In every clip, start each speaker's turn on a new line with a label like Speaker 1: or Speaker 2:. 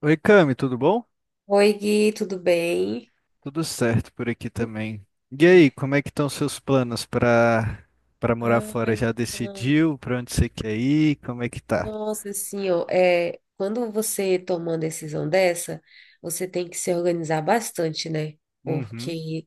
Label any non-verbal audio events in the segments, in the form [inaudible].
Speaker 1: Oi, Cami, tudo bom?
Speaker 2: Oi, Gui, tudo bem?
Speaker 1: Tudo certo por aqui também. E aí, como é que estão seus planos para morar
Speaker 2: Ah,
Speaker 1: fora? Já
Speaker 2: então.
Speaker 1: decidiu para onde você quer ir? Como é que tá?
Speaker 2: Nossa, assim, ó, quando você toma uma decisão dessa, você tem que se organizar bastante, né?
Speaker 1: Uhum.
Speaker 2: Porque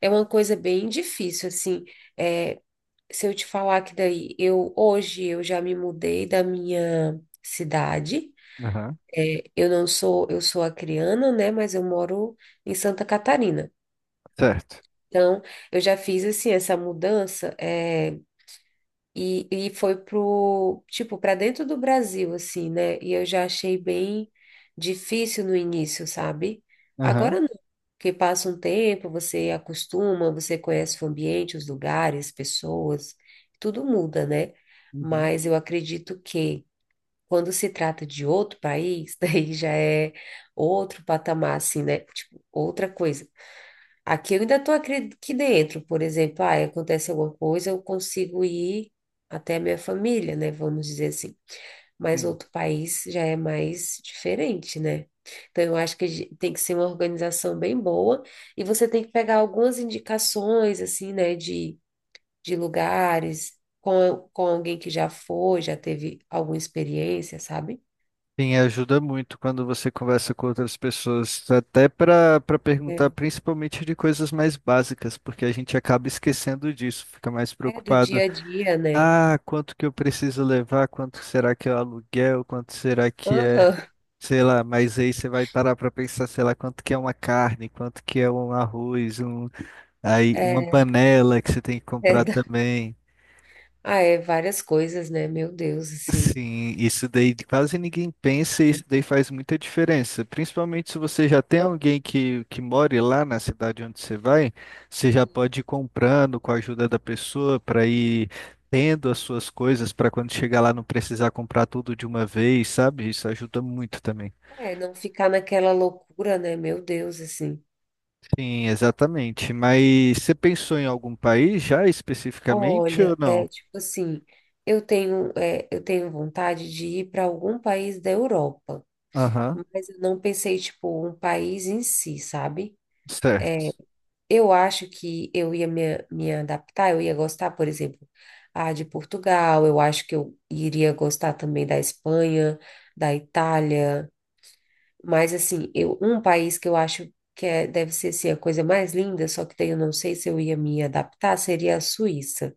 Speaker 2: é uma coisa bem difícil, assim. É, se eu te falar que daí, eu hoje eu já me mudei da minha cidade.
Speaker 1: Aham.
Speaker 2: Eu não sou, eu sou acriana, né? Mas eu moro em Santa Catarina.
Speaker 1: Certo.
Speaker 2: Então, eu já fiz assim essa mudança. E foi pro, tipo, para dentro do Brasil, assim, né? E eu já achei bem difícil no início, sabe?
Speaker 1: Aham.
Speaker 2: Agora não, porque passa um tempo, você acostuma, você conhece o ambiente, os lugares, pessoas, tudo muda, né?
Speaker 1: Uhum.
Speaker 2: Mas eu acredito que quando se trata de outro país, [laughs] daí já é outro patamar, assim, né? Tipo, outra coisa. Aqui eu ainda estou aqui dentro, por exemplo, ah, acontece alguma coisa, eu consigo ir até a minha família, né? Vamos dizer assim. Mas
Speaker 1: Sim.
Speaker 2: outro país já é mais diferente, né? Então eu acho que tem que ser uma organização bem boa e você tem que pegar algumas indicações, assim, né, de lugares com alguém que já foi, já teve alguma experiência, sabe?
Speaker 1: Sim, ajuda muito quando você conversa com outras pessoas, até para perguntar
Speaker 2: É,
Speaker 1: principalmente de coisas mais básicas, porque a gente acaba esquecendo disso, fica mais
Speaker 2: é do
Speaker 1: preocupado.
Speaker 2: dia a dia, né?
Speaker 1: Ah, quanto que eu preciso levar? Quanto será que é o aluguel? Quanto será que é,
Speaker 2: Aham.
Speaker 1: sei lá, mas aí você vai parar para pensar, sei lá, quanto que é uma carne, quanto que é um arroz, um aí uma
Speaker 2: É,
Speaker 1: panela que você tem que comprar
Speaker 2: é,
Speaker 1: também.
Speaker 2: ah, é várias coisas, né? Meu Deus, assim.
Speaker 1: Sim, isso daí quase ninguém pensa e isso daí faz muita diferença. Principalmente se você já tem alguém que more lá na cidade onde você vai, você já
Speaker 2: Assim,
Speaker 1: pode ir comprando com a ajuda da pessoa para ir tendo as suas coisas para quando chegar lá não precisar comprar tudo de uma vez, sabe? Isso ajuda muito também.
Speaker 2: é, não ficar naquela loucura, né? Meu Deus, assim.
Speaker 1: Sim, exatamente. Mas você pensou em algum país já especificamente ou
Speaker 2: Olha,
Speaker 1: não?
Speaker 2: é tipo assim, eu tenho vontade de ir para algum país da Europa,
Speaker 1: Aham.
Speaker 2: mas eu não pensei, tipo, um país em si, sabe?
Speaker 1: Certo.
Speaker 2: Eu acho que eu ia me adaptar, eu ia gostar, por exemplo, ah, de Portugal, eu acho que eu iria gostar também da Espanha, da Itália. Mas assim, eu, um país que eu acho que deve ser assim, a coisa mais linda, só que daí eu não sei se eu ia me adaptar, seria a Suíça.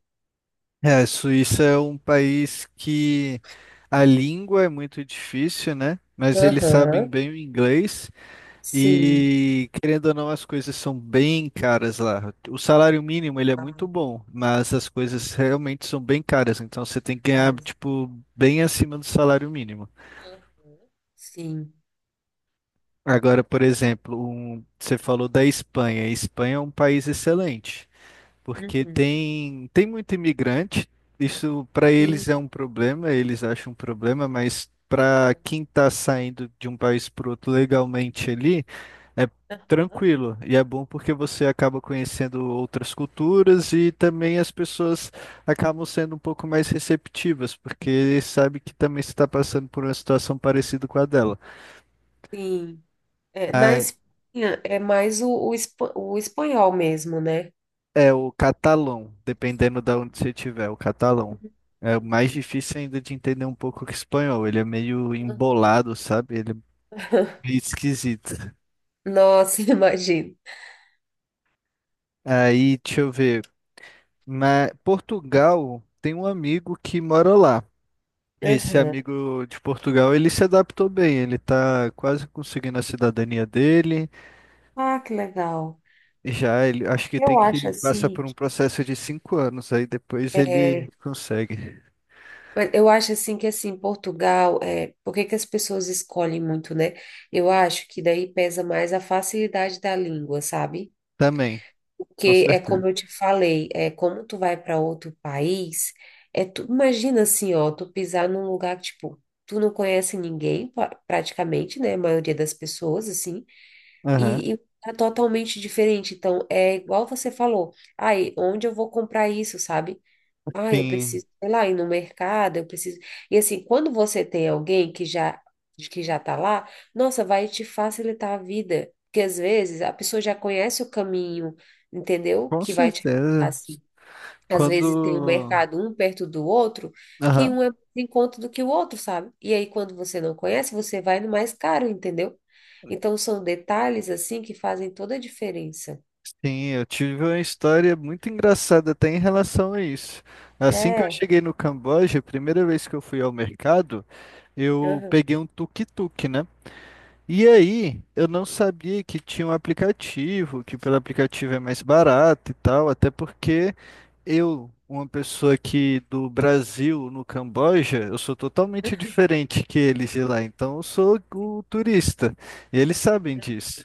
Speaker 1: É, a Suíça é um país que a língua é muito difícil, né? Mas eles sabem
Speaker 2: Aham,
Speaker 1: bem o inglês
Speaker 2: sim.
Speaker 1: e, querendo ou não, as coisas são bem caras lá. O salário mínimo, ele é muito
Speaker 2: Ah,
Speaker 1: bom, mas as coisas realmente são bem caras. Então, você tem que ganhar,
Speaker 2: cara.
Speaker 1: tipo, bem acima do salário mínimo.
Speaker 2: Aham, sim.
Speaker 1: Agora, por exemplo, você falou da Espanha. A Espanha é um país excelente. Porque
Speaker 2: Uhum.
Speaker 1: tem muito imigrante, isso para eles
Speaker 2: Sim.
Speaker 1: é um problema, eles acham um problema, mas para quem está saindo de um país para outro legalmente ali, é
Speaker 2: Aham,
Speaker 1: tranquilo. E é bom porque você acaba conhecendo outras culturas e também as pessoas acabam sendo um pouco mais receptivas, porque sabe que também você está passando por uma situação parecida com a dela.
Speaker 2: sim. É, na
Speaker 1: Ah,
Speaker 2: Espanha é mais o espanhol mesmo, né?
Speaker 1: é o catalão, dependendo da onde você estiver, o catalão. É mais difícil ainda de entender um pouco que o espanhol. Ele é meio
Speaker 2: Aham.
Speaker 1: embolado, sabe? Ele é meio
Speaker 2: [laughs]
Speaker 1: esquisito.
Speaker 2: Nossa, imagino.
Speaker 1: Aí, deixa eu ver. Na Portugal, tem um amigo que mora lá. Esse
Speaker 2: Aham.
Speaker 1: amigo de Portugal, ele se adaptou bem. Ele tá quase conseguindo a cidadania dele.
Speaker 2: Ah, que legal.
Speaker 1: Já ele, acho que tem
Speaker 2: Eu acho
Speaker 1: que passar
Speaker 2: assim
Speaker 1: por um
Speaker 2: que
Speaker 1: processo de 5 anos. Aí depois ele
Speaker 2: é,
Speaker 1: consegue.
Speaker 2: Mas eu acho assim que assim, Portugal, é, por que que as pessoas escolhem muito, né? Eu acho que daí pesa mais a facilidade da língua, sabe?
Speaker 1: Também, com
Speaker 2: Porque é
Speaker 1: certeza.
Speaker 2: como eu te falei, é como tu vai para outro país, é tu imagina assim, ó, tu pisar num lugar que, tipo, tu não conhece ninguém, praticamente, né? A maioria das pessoas, assim,
Speaker 1: Aham.
Speaker 2: e é totalmente diferente. Então, é igual você falou, aí, onde eu vou comprar isso, sabe? Ah, eu
Speaker 1: Sim.
Speaker 2: preciso, sei lá, ir no mercado, eu preciso. E assim, quando você tem alguém que já tá lá, nossa, vai te facilitar a vida, porque às vezes a pessoa já conhece o caminho, entendeu?
Speaker 1: Com
Speaker 2: Que vai te ajudar,
Speaker 1: certeza.
Speaker 2: assim. Às vezes tem um
Speaker 1: Quando.
Speaker 2: mercado um perto do outro, que
Speaker 1: Aham.
Speaker 2: um é mais em conta do que o outro, sabe? E aí quando você não conhece, você vai no mais caro, entendeu? Então são detalhes assim que fazem toda a diferença.
Speaker 1: Sim, eu tive uma história muito engraçada até em relação a isso. Assim que eu
Speaker 2: É.
Speaker 1: cheguei no Camboja, a primeira vez que eu fui ao mercado, eu
Speaker 2: Aham.
Speaker 1: peguei um tuk-tuk, né? E aí, eu não sabia que tinha um aplicativo, que pelo aplicativo é mais barato e tal, até porque eu, uma pessoa aqui do Brasil, no Camboja, eu sou totalmente
Speaker 2: [laughs]
Speaker 1: diferente que eles de lá, então eu sou o turista. E eles sabem disso.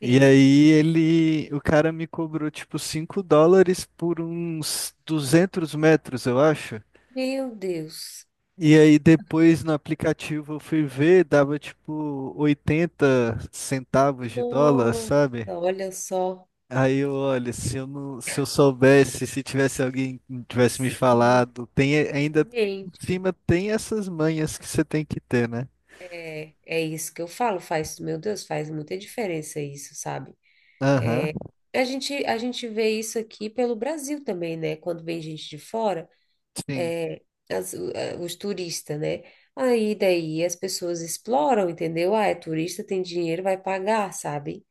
Speaker 1: E
Speaker 2: Sim.
Speaker 1: aí ele, o cara me cobrou tipo 5 dólares por uns 200 metros, eu acho.
Speaker 2: Meu Deus.
Speaker 1: E aí depois no aplicativo eu fui ver, dava tipo 80 centavos de dólar,
Speaker 2: Nossa,
Speaker 1: sabe?
Speaker 2: olha só.
Speaker 1: Aí eu, olha, se eu não, se eu soubesse, se tivesse alguém que tivesse me
Speaker 2: Sim,
Speaker 1: falado, tem ainda por
Speaker 2: exatamente.
Speaker 1: cima tem essas manhas que você tem que ter, né?
Speaker 2: É, é isso que eu falo, faz, meu Deus, faz muita diferença isso, sabe?
Speaker 1: Aham.
Speaker 2: A gente vê isso aqui pelo Brasil também, né? Quando vem gente de fora,
Speaker 1: Sim.
Speaker 2: os turistas, né? Aí daí as pessoas exploram, entendeu? Ah, é turista, tem dinheiro, vai pagar, sabe?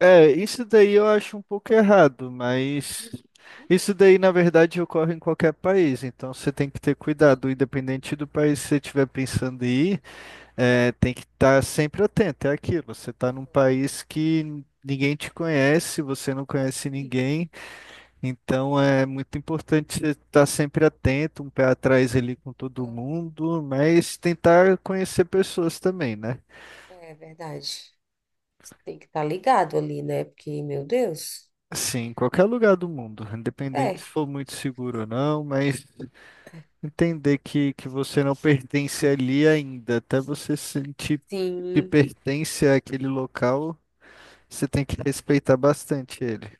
Speaker 1: É, isso daí eu acho um pouco errado, mas
Speaker 2: Uhum.
Speaker 1: isso daí na verdade ocorre em qualquer país, então você tem que ter
Speaker 2: Sim,
Speaker 1: cuidado, independente do país que você estiver pensando em ir, é, tem que estar sempre atento, é aquilo, você está num país que ninguém te conhece, você não conhece
Speaker 2: exatamente.
Speaker 1: ninguém, então é muito importante você estar sempre atento, um pé atrás ali com todo
Speaker 2: Aham.
Speaker 1: mundo, mas tentar conhecer pessoas também, né?
Speaker 2: É verdade. Você tem que estar ligado ali, né? Porque, meu Deus.
Speaker 1: Sim, em qualquer lugar do mundo, independente se
Speaker 2: É,
Speaker 1: for muito seguro ou não, mas entender que você não pertence ali ainda, até você sentir que
Speaker 2: sim.
Speaker 1: pertence àquele local, você tem que respeitar bastante ele.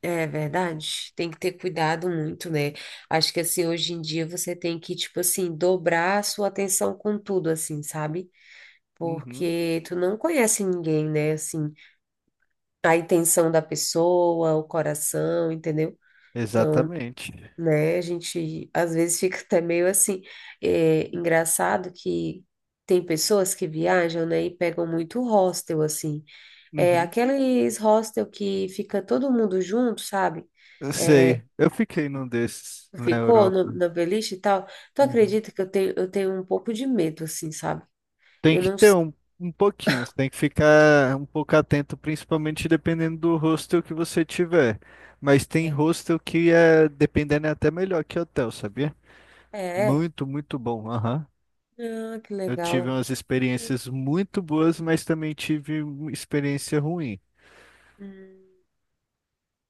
Speaker 2: É verdade, tem que ter cuidado muito, né? Acho que assim, hoje em dia você tem que, tipo assim, dobrar a sua atenção com tudo, assim, sabe?
Speaker 1: Uhum.
Speaker 2: Porque tu não conhece ninguém, né? Assim, a intenção da pessoa, o coração, entendeu? Então,
Speaker 1: Exatamente.
Speaker 2: né, a gente às vezes [laughs] fica até meio assim, é, engraçado que tem pessoas que viajam, né, e pegam muito hostel, assim. É,
Speaker 1: Uhum,
Speaker 2: aqueles hostel que fica todo mundo junto, sabe?
Speaker 1: eu
Speaker 2: É,
Speaker 1: sei, eu fiquei num desses na
Speaker 2: ficou
Speaker 1: Europa.
Speaker 2: na beliche e tal. Tu
Speaker 1: Uhum.
Speaker 2: acredita que eu tenho um pouco de medo, assim, sabe?
Speaker 1: Tem
Speaker 2: Eu
Speaker 1: que
Speaker 2: não
Speaker 1: ter
Speaker 2: sei.
Speaker 1: um pouquinho, você tem que ficar um pouco atento, principalmente dependendo do hostel que você tiver. Mas tem
Speaker 2: É,
Speaker 1: hostel que é, dependendo, é até melhor que hotel, sabia?
Speaker 2: é.
Speaker 1: Muito, muito bom. Aham.
Speaker 2: Ah, que
Speaker 1: Eu tive
Speaker 2: legal.
Speaker 1: umas experiências muito boas, mas também tive uma experiência ruim.
Speaker 2: Hum,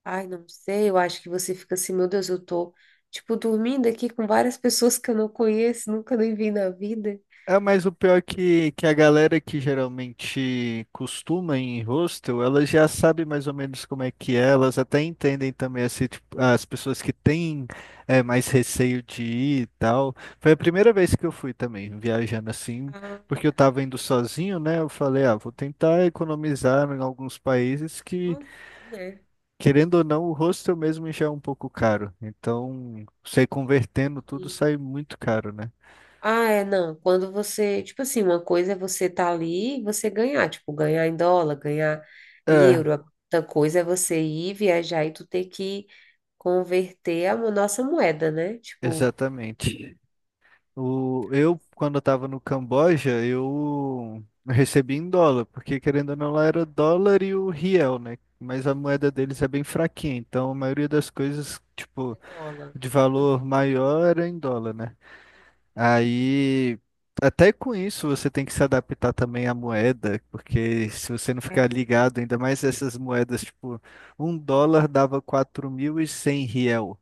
Speaker 2: ai, não sei, eu acho que você fica assim, meu Deus, eu tô, tipo, dormindo aqui com várias pessoas que eu não conheço, nunca nem vi na vida.
Speaker 1: É, mas o pior é que a galera que geralmente costuma ir em hostel, elas já sabem mais ou menos como é que é, elas até entendem também assim, tipo, as pessoas que têm é, mais receio de ir e tal. Foi a primeira vez que eu fui também, viajando assim,
Speaker 2: Ah,
Speaker 1: porque eu tava indo sozinho, né? Eu falei, ah, vou tentar economizar em alguns países que,
Speaker 2: assim, né?
Speaker 1: querendo ou não, o hostel mesmo já é um pouco caro. Então, você convertendo tudo sai muito caro, né?
Speaker 2: Ah, é, não. Quando você, tipo assim, uma coisa é você estar ali e você ganhar, tipo, ganhar em dólar, ganhar em
Speaker 1: É,
Speaker 2: euro. Outra coisa é você ir viajar e tu ter que converter nossa moeda, né? Tipo,
Speaker 1: exatamente. O, eu, quando eu tava no Camboja, eu recebi em dólar, porque querendo ou não, lá era dólar e o riel, né? Mas a moeda deles é bem fraquinha, então a maioria das coisas, tipo,
Speaker 2: é dólar.
Speaker 1: de
Speaker 2: Aham.
Speaker 1: valor maior era em dólar, né? Aí, até com isso, você tem que se adaptar também à moeda, porque se você não ficar
Speaker 2: É.
Speaker 1: ligado, ainda mais essas moedas, tipo, um dólar dava 4.100 riel.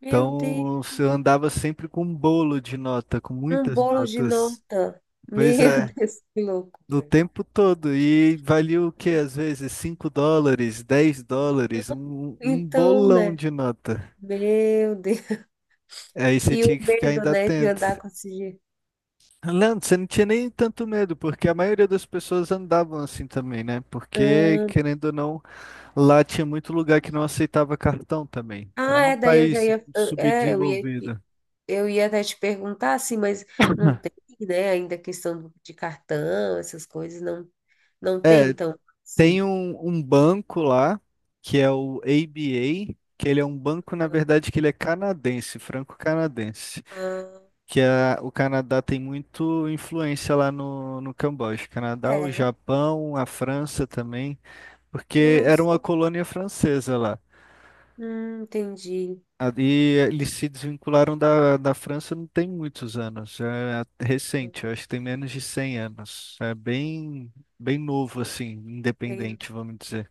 Speaker 2: Meu
Speaker 1: Então,
Speaker 2: Deus,
Speaker 1: eu andava sempre com um bolo de nota, com
Speaker 2: um
Speaker 1: muitas
Speaker 2: bolo de
Speaker 1: notas.
Speaker 2: nota. Meu
Speaker 1: Pois
Speaker 2: [laughs]
Speaker 1: é,
Speaker 2: Deus, que
Speaker 1: no
Speaker 2: loucura.
Speaker 1: tempo todo. E valia o quê? Às vezes 5 dólares, 10 dólares, um
Speaker 2: Então,
Speaker 1: bolão
Speaker 2: né?
Speaker 1: de nota.
Speaker 2: Meu Deus.
Speaker 1: Aí você
Speaker 2: E o
Speaker 1: tinha que ficar
Speaker 2: medo,
Speaker 1: ainda
Speaker 2: né, de
Speaker 1: atento.
Speaker 2: andar com esse dinheiro.
Speaker 1: Leandro, você não tinha nem tanto medo, porque a maioria das pessoas andavam assim também, né? Porque,
Speaker 2: Ah,
Speaker 1: querendo ou não, lá tinha muito lugar que não aceitava cartão também. Então,
Speaker 2: ah,
Speaker 1: é um
Speaker 2: é, daí eu já
Speaker 1: país
Speaker 2: ia. Eu- É, eu ia.
Speaker 1: subdesenvolvido.
Speaker 2: Eu ia até te perguntar assim, mas não tem, né, ainda de cartão, essas coisas, não, não tem,
Speaker 1: É.
Speaker 2: então,
Speaker 1: Tem
Speaker 2: sim.
Speaker 1: um banco lá, que é o ABA, que ele é um banco, na verdade, que ele é canadense, franco-canadense,
Speaker 2: Ah,
Speaker 1: que a, o Canadá tem muito influência lá no Camboja. Canadá, o
Speaker 2: é,
Speaker 1: Japão, a França também, porque era
Speaker 2: nossa,
Speaker 1: uma colônia francesa lá.
Speaker 2: entendi.
Speaker 1: E eles se desvincularam da França não tem muitos anos, é recente, eu acho que tem menos de 100 anos. É bem, bem novo, assim,
Speaker 2: Bem,
Speaker 1: independente, vamos dizer.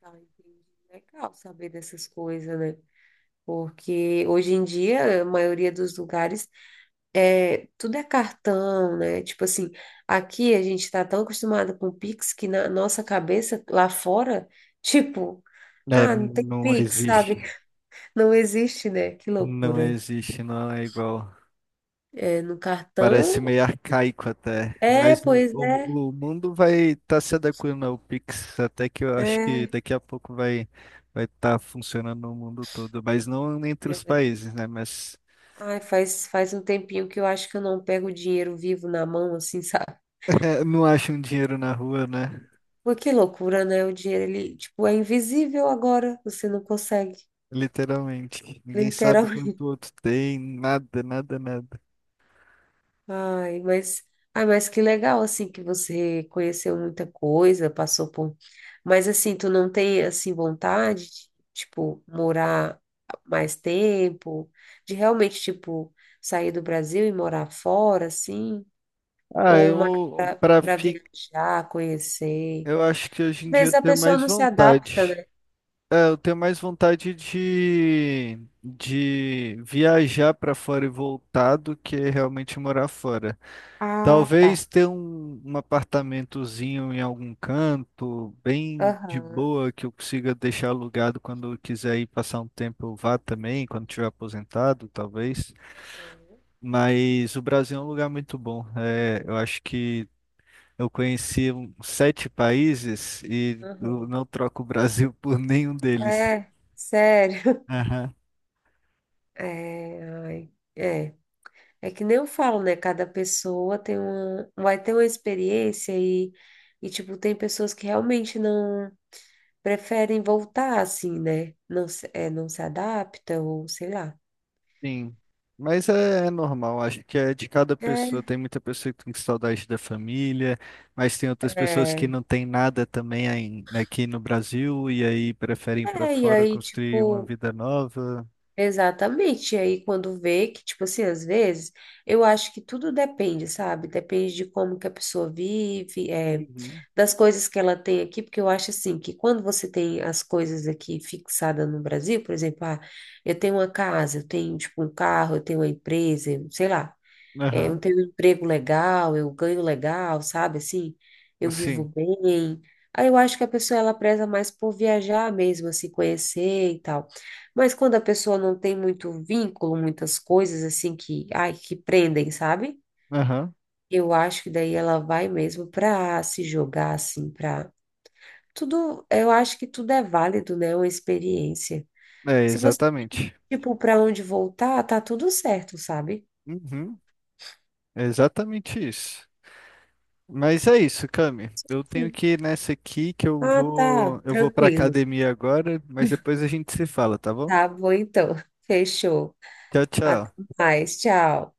Speaker 2: tá, entendi. Legal saber dessas coisas, né? Porque hoje em dia, a maioria dos lugares, é, tudo é cartão, né? Tipo assim, aqui a gente tá tão acostumado com Pix que na nossa cabeça, lá fora, tipo,
Speaker 1: É,
Speaker 2: ah, não tem
Speaker 1: não
Speaker 2: Pix, sabe?
Speaker 1: existe.
Speaker 2: Não existe, né? Que
Speaker 1: Não
Speaker 2: loucura.
Speaker 1: existe, não é igual.
Speaker 2: É, no
Speaker 1: Parece
Speaker 2: cartão?
Speaker 1: meio arcaico até.
Speaker 2: É,
Speaker 1: Mas
Speaker 2: pois é.
Speaker 1: o mundo vai estar se adequando ao Pix, até que eu acho que
Speaker 2: É.
Speaker 1: daqui a pouco vai estar funcionando no mundo todo. Mas não entre
Speaker 2: Meu
Speaker 1: os
Speaker 2: Deus.
Speaker 1: países, né? Mas
Speaker 2: Ai, faz um tempinho que eu acho que eu não pego o dinheiro vivo na mão, assim, [laughs] sabe?
Speaker 1: [laughs] é, não acham dinheiro na rua, né?
Speaker 2: Pô, que loucura, né? O dinheiro, ele, tipo, é invisível agora. Você não consegue.
Speaker 1: Literalmente. Ninguém
Speaker 2: Literal.
Speaker 1: sabe quanto o outro tem, nada, nada, nada.
Speaker 2: Ai, mas, ai, mas que legal, assim, que você conheceu muita coisa, passou por... Mas, assim, tu não tem, assim, vontade de, tipo, morar mais tempo? De realmente, tipo, sair do Brasil e morar fora, assim?
Speaker 1: Ah,
Speaker 2: Ou mais
Speaker 1: eu para
Speaker 2: pra
Speaker 1: ficar,
Speaker 2: viajar, conhecer?
Speaker 1: eu acho que hoje
Speaker 2: Às
Speaker 1: em dia
Speaker 2: vezes
Speaker 1: eu
Speaker 2: a
Speaker 1: tenho
Speaker 2: pessoa
Speaker 1: mais
Speaker 2: não se adapta,
Speaker 1: vontade.
Speaker 2: né?
Speaker 1: É, eu tenho mais vontade de viajar para fora e voltar do que realmente morar fora.
Speaker 2: Ah, tá.
Speaker 1: Talvez ter um apartamentozinho em algum canto, bem de
Speaker 2: Aham.
Speaker 1: boa, que eu consiga deixar alugado quando eu quiser ir passar um tempo, eu vá também, quando tiver aposentado, talvez.
Speaker 2: Aham.
Speaker 1: Mas o Brasil é um lugar muito bom. É, eu acho que eu conheci 7 países e eu
Speaker 2: Aham.
Speaker 1: não troco o Brasil [laughs] por nenhum deles.
Speaker 2: É, sério. [laughs]
Speaker 1: Aham.
Speaker 2: É, ai, é. É que nem eu falo, né? Cada pessoa tem uma, vai ter uma experiência e tipo, tem pessoas que realmente não preferem voltar assim, né? Não, não se adapta ou sei lá.
Speaker 1: Sim, mas é, é normal, acho que é de cada pessoa. Tem muita pessoa que tem saudade da família, mas tem
Speaker 2: É,
Speaker 1: outras pessoas que
Speaker 2: é,
Speaker 1: não tem nada também né, aqui no Brasil e aí preferem ir para
Speaker 2: e
Speaker 1: fora
Speaker 2: aí,
Speaker 1: construir uma
Speaker 2: tipo,
Speaker 1: vida nova.
Speaker 2: exatamente. E aí, quando vê que, tipo assim, às vezes, eu acho que tudo depende, sabe? Depende de como que a pessoa vive, é,
Speaker 1: Uhum.
Speaker 2: das coisas que ela tem aqui, porque eu acho assim que quando você tem as coisas aqui fixadas no Brasil, por exemplo, ah, eu tenho uma casa, eu tenho, tipo, um carro, eu tenho uma empresa, sei lá. É, eu
Speaker 1: Aham.
Speaker 2: tenho um emprego legal, eu ganho legal, sabe? Assim, eu vivo
Speaker 1: Sim.
Speaker 2: bem. Aí eu acho que a pessoa ela preza mais por viajar mesmo, assim, conhecer e tal. Mas quando a pessoa não tem muito vínculo, muitas coisas assim que, ai, que prendem, sabe?
Speaker 1: Aham.
Speaker 2: Eu acho que daí ela vai mesmo pra se jogar assim, pra tudo, eu acho que tudo é válido, né? Uma experiência.
Speaker 1: É
Speaker 2: Se você,
Speaker 1: exatamente.
Speaker 2: tipo, pra onde voltar, tá tudo certo, sabe?
Speaker 1: Uhum. É exatamente isso. Mas é isso, Cami. Eu tenho
Speaker 2: Sim.
Speaker 1: que ir nessa aqui que
Speaker 2: Ah, tá,
Speaker 1: eu vou para
Speaker 2: tranquilo.
Speaker 1: academia agora, mas depois a gente se fala, tá bom?
Speaker 2: Tá bom, então. Fechou.
Speaker 1: Tchau,
Speaker 2: Até
Speaker 1: tchau.
Speaker 2: mais. Tchau.